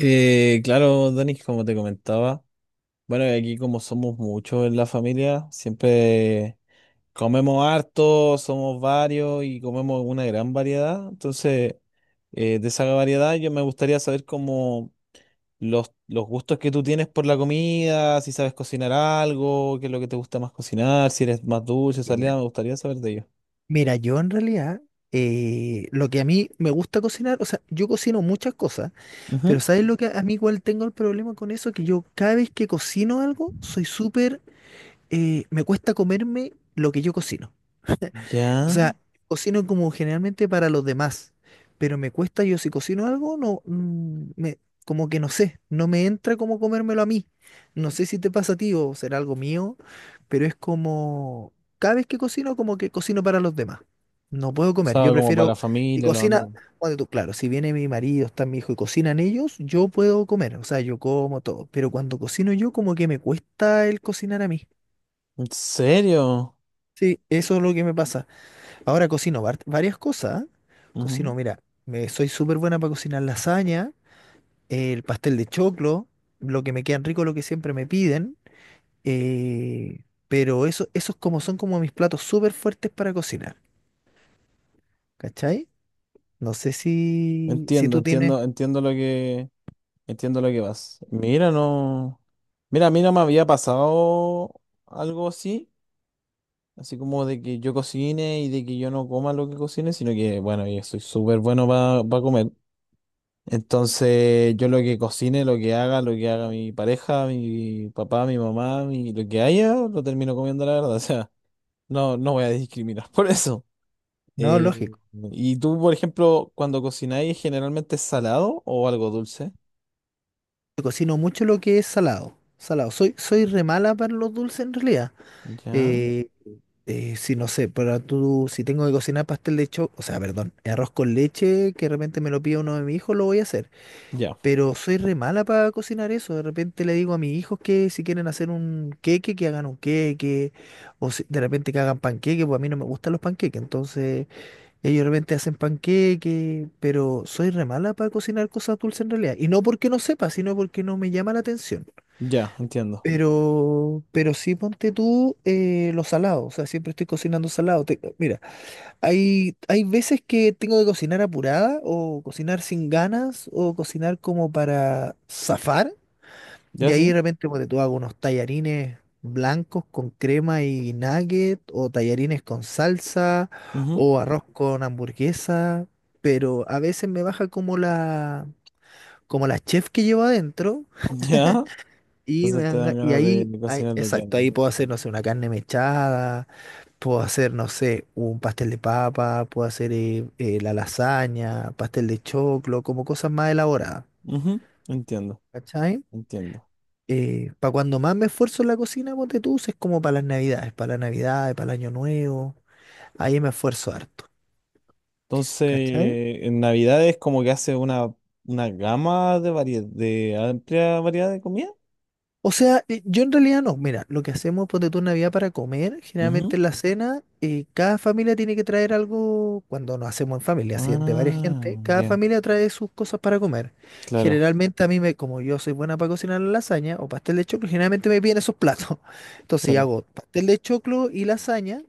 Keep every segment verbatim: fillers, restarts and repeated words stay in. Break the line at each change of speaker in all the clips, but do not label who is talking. Eh, claro, Dani, como te comentaba, bueno, y aquí como somos muchos en la familia, siempre comemos harto, somos varios y comemos una gran variedad. Entonces, eh, de esa variedad yo me gustaría saber como los, los gustos que tú tienes por la comida, si sabes cocinar algo, qué es lo que te gusta más cocinar, si eres más dulce,
Que Mira,
salida, me gustaría saber de ello.
mira, yo en realidad, eh, lo que a mí me gusta cocinar, o sea, yo cocino muchas cosas, pero
Ujú.
¿sabes lo que a mí igual tengo el problema con eso? Que yo cada vez que cocino algo, soy súper, eh, me cuesta comerme lo que yo cocino. O
Ya,
sea, cocino como generalmente para los demás, pero me cuesta, yo si cocino algo, no, mm, me, como que no sé, no me entra como comérmelo a mí. No sé si te pasa a ti o será algo mío, pero es como, cada vez que cocino, como que cocino para los demás. No puedo
o
comer, yo
sea, como para
prefiero,
la
y
familia, los
cocina,
amigos.
bueno, tú, claro, si viene mi marido, está mi hijo y cocinan ellos, yo puedo comer, o sea, yo como todo, pero cuando cocino yo, como que me cuesta el cocinar a mí.
¿En serio?
Sí, eso es lo que me pasa. Ahora cocino var- varias cosas. Cocino, mira, me, soy súper buena para cocinar lasaña, el pastel de choclo, lo que me quedan rico, lo que siempre me piden. eh, pero eso, esos como son como mis platos súper fuertes para cocinar. ¿Cachai? No sé si, si
Entiendo,
tú tienes.
entiendo, entiendo lo que, Entiendo lo que vas. Mira, no, mira, a mí no me había pasado algo así, así como de que yo cocine y de que yo no coma lo que cocine, sino que, bueno, yo soy súper bueno para comer. Entonces, yo lo que cocine, lo que haga, lo que haga mi pareja, mi papá, mi mamá, mi, lo que haya, lo termino comiendo, la verdad. O sea, no, no voy a discriminar por eso.
No,
Eh,
lógico.
¿Y tú, por ejemplo, cuando
Yo
cocináis, generalmente es salado o algo dulce?
cocino mucho lo que es salado. Salado. Soy, soy re mala para los dulces en realidad.
Ya,
Eh, Eh, sí, no sé, pero tú, si tengo que cocinar pastel de cho, o sea, perdón, arroz con leche, que de repente me lo pide uno de mis hijos, lo voy a hacer.
ya,
Pero soy re mala para cocinar eso. De repente le digo a mis hijos que si quieren hacer un queque, que hagan un queque. O si, de repente que hagan panqueque, pues a mí no me gustan los panqueques. Entonces, ellos de repente hacen panqueque, pero soy re mala para cocinar cosas dulces en realidad. Y no porque no sepa, sino porque no me llama la atención.
ya, Entiendo.
Pero, pero sí ponte tú eh, lo salado, o sea, siempre estoy cocinando salado. Te- mira, hay, hay veces que tengo que cocinar apurada o cocinar sin ganas o cocinar como para zafar.
Ya,
Y ahí de
sí.
repente ponte tú hago unos tallarines blancos con crema y nugget o tallarines con salsa
Ujú.
o arroz con hamburguesa. Pero a veces me baja como la, como la chef que llevo adentro.
Ya.
Y, me
Entonces te
dan
dan
ga- y
ganas de
ahí, ahí-
cocinar lo que
exacto, ahí
han-
puedo hacer, no sé, una carne mechada, puedo hacer, no sé, un pastel de papa, puedo hacer eh, eh, la lasaña, pastel de choclo, como cosas más elaboradas,
Ujú. Entiendo,
¿cachai?
entiendo.
Para cuando más me esfuerzo en la cocina, ponte tú, es como para las navidades, para las navidades, para el año nuevo, ahí me esfuerzo harto,
Entonces,
¿cachai?
en Navidad es como que hace una, una gama de variedad, de amplia variedad de comida.
O sea, eh, yo en realidad no. Mira, lo que hacemos, ponte tú, en Navidad para comer, generalmente
Ujú.
en la cena, eh, cada familia tiene que traer algo, cuando nos hacemos en familia, así de varias
Ah,
gente, cada
ya,
familia trae sus cosas para comer.
claro,
Generalmente a mí, me, como yo soy buena para cocinar la lasaña o pastel de choclo, generalmente me piden esos platos. Entonces yo
claro.
hago pastel de choclo y lasaña,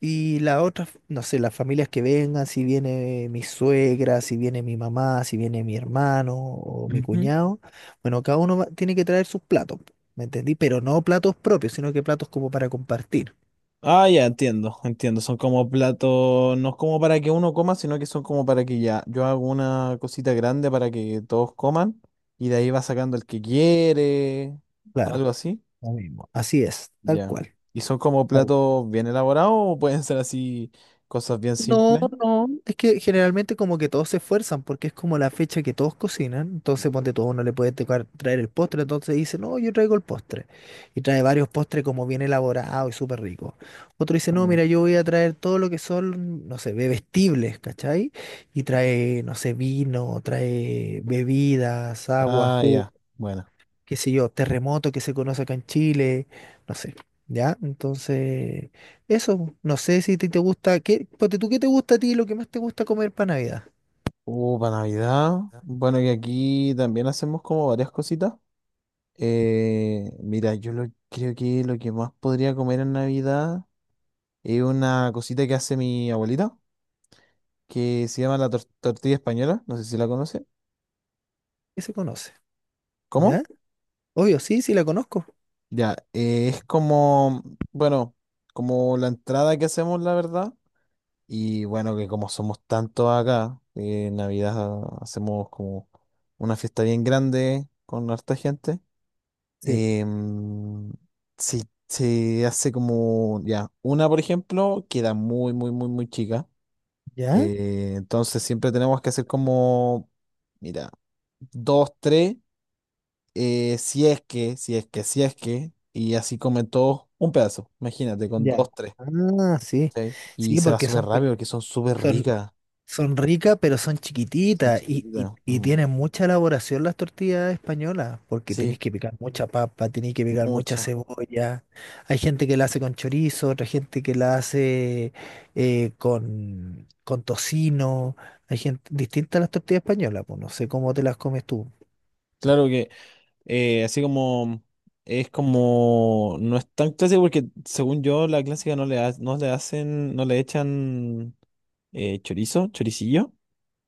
y la otra, no sé, las familias que vengan, si viene mi suegra, si viene mi mamá, si viene mi hermano o mi cuñado, bueno, cada uno va- tiene que traer sus platos, ¿me entendí? Pero no platos propios, sino que platos como para compartir.
Ah, ya, entiendo, entiendo. Son como platos, no es como para que uno coma, sino que son como para que ya, yo hago una cosita grande para que todos coman y de ahí va sacando el que quiere,
Claro,
algo así.
lo mismo. Así es, tal
Ya.
cual.
¿Y son como
Tal
platos bien elaborados o pueden ser así cosas bien
No,
simples?
no, es que generalmente como que todos se esfuerzan porque es como la fecha que todos cocinan, entonces ponte todo uno le puede tocar traer el postre, entonces dice, no, yo traigo el postre, y trae varios postres como bien elaborado y súper rico. Otro dice, no,
Mm.
mira, yo voy a traer todo lo que son, no sé, bebestibles, ¿cachai? Y trae, no sé, vino, trae bebidas, agua,
Ah,
jugo,
ya, bueno.
qué sé yo, terremoto que se conoce acá en Chile, no sé, ¿ya? Entonces, eso, no sé si te, te gusta, ¿qué, ponte tú, ¿qué te gusta a ti, lo que más te gusta comer para Navidad?
Uh, para Navidad. Bueno, que aquí también hacemos como varias cositas. Eh, mira, yo lo, creo que lo que más podría comer en Navidad. Es una cosita que hace mi abuelita, que se llama la tor- tortilla española, no sé si la conoce.
¿Qué se conoce?
¿Cómo?
¿Ya? Obvio, sí, sí la conozco.
Ya, eh, es como, bueno, como la entrada que hacemos, la verdad. Y bueno, que como somos tantos acá, eh, en Navidad hacemos como una fiesta bien grande con harta gente.
Sí.
Em, se, se hace como, ya, una, por ejemplo, queda muy, muy, muy, muy chica.
¿Ya?
Eh, entonces siempre tenemos que hacer como, mira, dos, tres, eh, si es que, si es que, si es que, y así comen todos un pedazo, imagínate, con
Ya.
dos, tres,
Ah, sí.
¿sí? Y
Sí,
se va
porque
súper
son, pe-
rápido porque son súper
son-
ricas,
Son ricas, pero son
son
chiquititas y, y,
chiquititas,
y
mm,
tienen mucha elaboración las tortillas españolas, porque
sí,
tenéis que picar mucha papa, tenéis que picar mucha
muchas.
cebolla. Hay gente que la hace con chorizo, otra gente que la hace eh, con, con tocino. Hay gente distinta a las tortillas españolas, pues no sé cómo te las comes tú.
Claro que eh, así como es como, no es tan clásico porque según yo la clásica no le, ha- no le hacen, no le echan eh, chorizo, choricillo.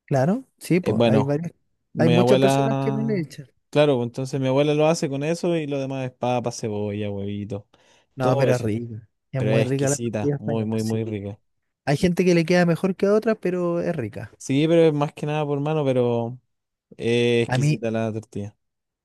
Claro, sí,
Eh,
pues hay
bueno.
varias, hay
Mi
muchas personas que no le
abuela,
echan.
claro, pues, entonces mi abuela lo hace con eso y lo demás es papa, cebolla, huevito,
No,
todo
pero es
eso.
rica, es
Pero
muy
es
rica la
exquisita,
tortilla
muy,
española,
muy,
sí.
muy rica.
Hay gente que le queda mejor que a otras, pero es rica.
Sí, pero es más que nada por mano, pero es
A mí,
exquisita la tortilla.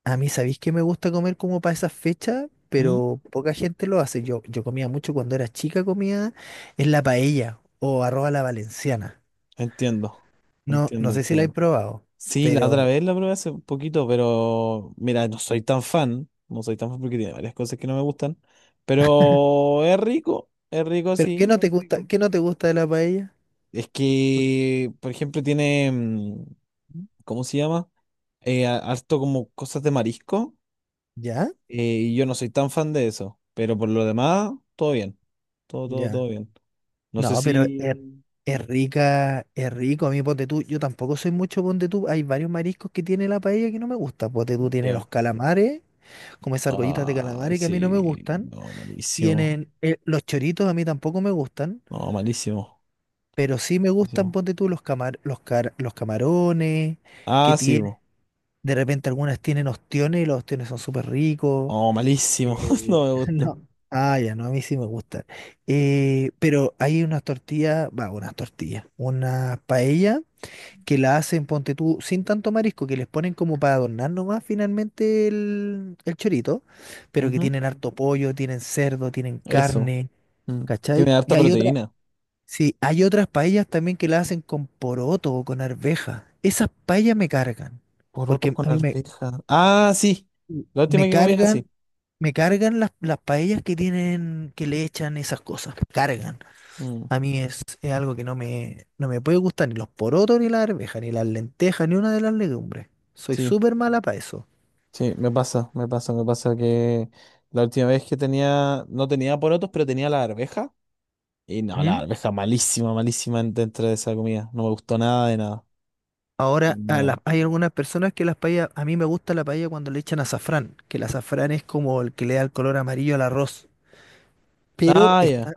A mí, ¿sabéis que me gusta comer como para esas fechas?
¿Mm?
Pero poca gente lo hace. Yo, yo comía mucho cuando era chica, comía en la paella o arroz a la valenciana.
Entiendo,
No,
entiendo,
no sé si la he
entiendo.
probado,
Sí, la otra
pero,
vez la probé hace un poquito, pero mira, no soy tan fan, no soy tan fan porque tiene varias cosas que no me gustan, pero es rico, es rico,
pero ¿qué
sí,
no te
es
gusta,
rico.
¿qué no te gusta de la paella?
Es
¿Por qué?
que, por ejemplo, tiene, mm, ¿cómo se llama? Eh, a- harto como cosas de marisco.
¿Ya?
eh, y yo no soy tan fan de eso. Pero por lo demás, todo bien. Todo, todo,
Ya.
todo bien. No sé
No, pero es,
si.
es rica, es rico. A mí, ponte tú, yo tampoco soy mucho ponte tú. Hay varios mariscos que tiene la paella que no me gusta. Ponte tú tiene
Ya.
los calamares, como esas argollitas de
Ay,
calamares que a mí no me
sí.
gustan.
No, malísimo.
Tienen, eh, los choritos a mí tampoco me gustan,
No, malísimo.
pero sí me gustan,
Malísimo.
ponte tú, los camar, los car- los camarones, que
Ah, sí.
tienen,
Bo.
de repente algunas tienen ostiones y los ostiones son súper ricos.
Oh, malísimo. No
Eh,
me gustan.
no. Ah, ya, no, a mí sí me gustan. Eh, pero hay unas tortillas, va, unas tortillas, una paella que la hacen, ponte tú, sin tanto marisco, que les ponen como para adornar nomás finalmente el, el chorito, pero que
Ujú.
tienen harto pollo, tienen cerdo, tienen
Eso.
carne.
Mm.
¿Cachai?
Tiene
Y
harta
hay otra,
proteína.
sí, hay otras paellas también que la hacen con poroto o con arveja. Esas paellas me cargan,
Porotos
porque
con
a mí me,
arveja. Ah, sí. La última
me
que comí era así.
cargan, me cargan las, las paellas que tienen, que le echan esas cosas, me cargan.
Mm.
A mí es, es algo que no me, no me puede gustar, ni los porotos, ni la arveja, ni las lentejas, ni una de las legumbres. Soy
Sí.
súper mala para eso.
Sí, me pasa, me pasa, me pasa que la última vez que tenía, no tenía porotos, pero tenía la arveja. Y no, la
¿Mm?
arveja malísima, malísima en- dentro de esa comida. No me gustó nada de nada.
Ahora, a
Nada.
la- hay algunas personas que las paellas, a mí me gusta la paella cuando le echan azafrán, que el azafrán es como el que le da el color amarillo al arroz. Pero
Ah, ya.
está,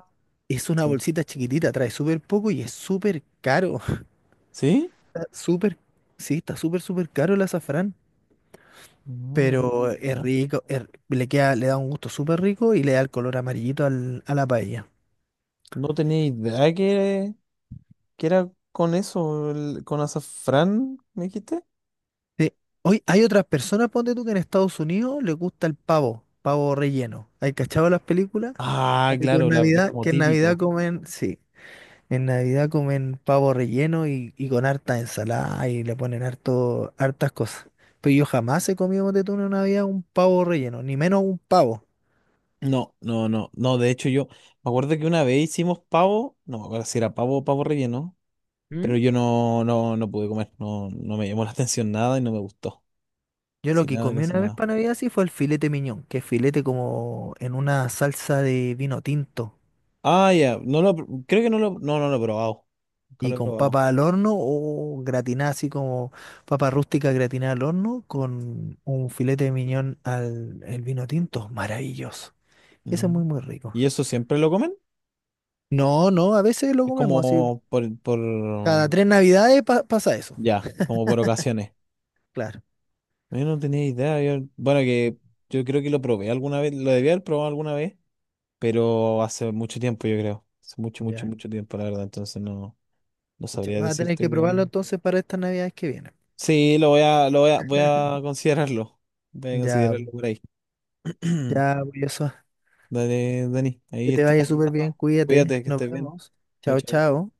es una
Sí.
bolsita chiquitita, trae súper poco y es súper caro.
¿Sí?
Está súper, sí, está súper, súper caro el azafrán,
No tenía
pero es
idea.
rico, es- le queda, le da un gusto súper rico y le da el color amarillito al- a la paella.
No tenía idea que, que era con eso, el- con azafrán, ¿me dijiste?
Sí. Hoy hay otras personas, ponte tú, que en Estados Unidos les gusta el pavo, pavo relleno. ¿Hay cachado las películas?
Ah,
Ponte tú en
claro, la- es
Navidad,
como
que en Navidad
típico.
comen, sí. En Navidad comen pavo relleno y, y con harta ensalada y le ponen harto, hartas cosas. Pero yo jamás he comido de en Navidad un pavo relleno, ni menos un pavo.
No, no, no, no. De hecho, yo me acuerdo que una vez hicimos pavo, no me acuerdo si era pavo o pavo relleno.
¿Mm?
Pero yo no, no, no pude comer, no, no me llamó la atención nada y no me gustó.
Yo lo
Casi
que
nada,
comí
casi
una vez
nada.
para Navidad sí fue el filete miñón, que es filete como en una salsa de vino tinto
Ah, ya, no lo, pr- Creo que no lo, no, no lo he probado. Nunca
y
lo he
con
probado.
papa al horno o gratinada así como papa rústica gratinada al horno con un filete de miñón al el vino tinto. Maravilloso. Eso es muy,
Ujú.
muy rico.
¿Y eso siempre lo comen?
No, no, a veces lo
Es
comemos así.
como por, por,
Cada tres navidades pa- pasa eso,
ya, como por ocasiones.
claro.
Yo no tenía idea. Yo- bueno, que yo creo que lo probé alguna vez, lo debía haber probado alguna vez, pero hace mucho tiempo, yo creo. Hace mucho, mucho,
Ya.
mucho tiempo, la verdad. Entonces no, no
Pucha,
sabría
vas a tener
decirte
que probarlo
que,
entonces para estas navidades que vienen.
sí, lo voy a, lo voy a, voy a considerarlo. Voy a
Ya,
considerarlo por ahí.
ya, pues, eso.
Dale, Dani, ahí
Que te vaya
estamos
súper bien,
hablando.
cuídate.
Cuídate, que
Nos
estés bien.
vemos.
Chao,
Chao,
chao.
chao.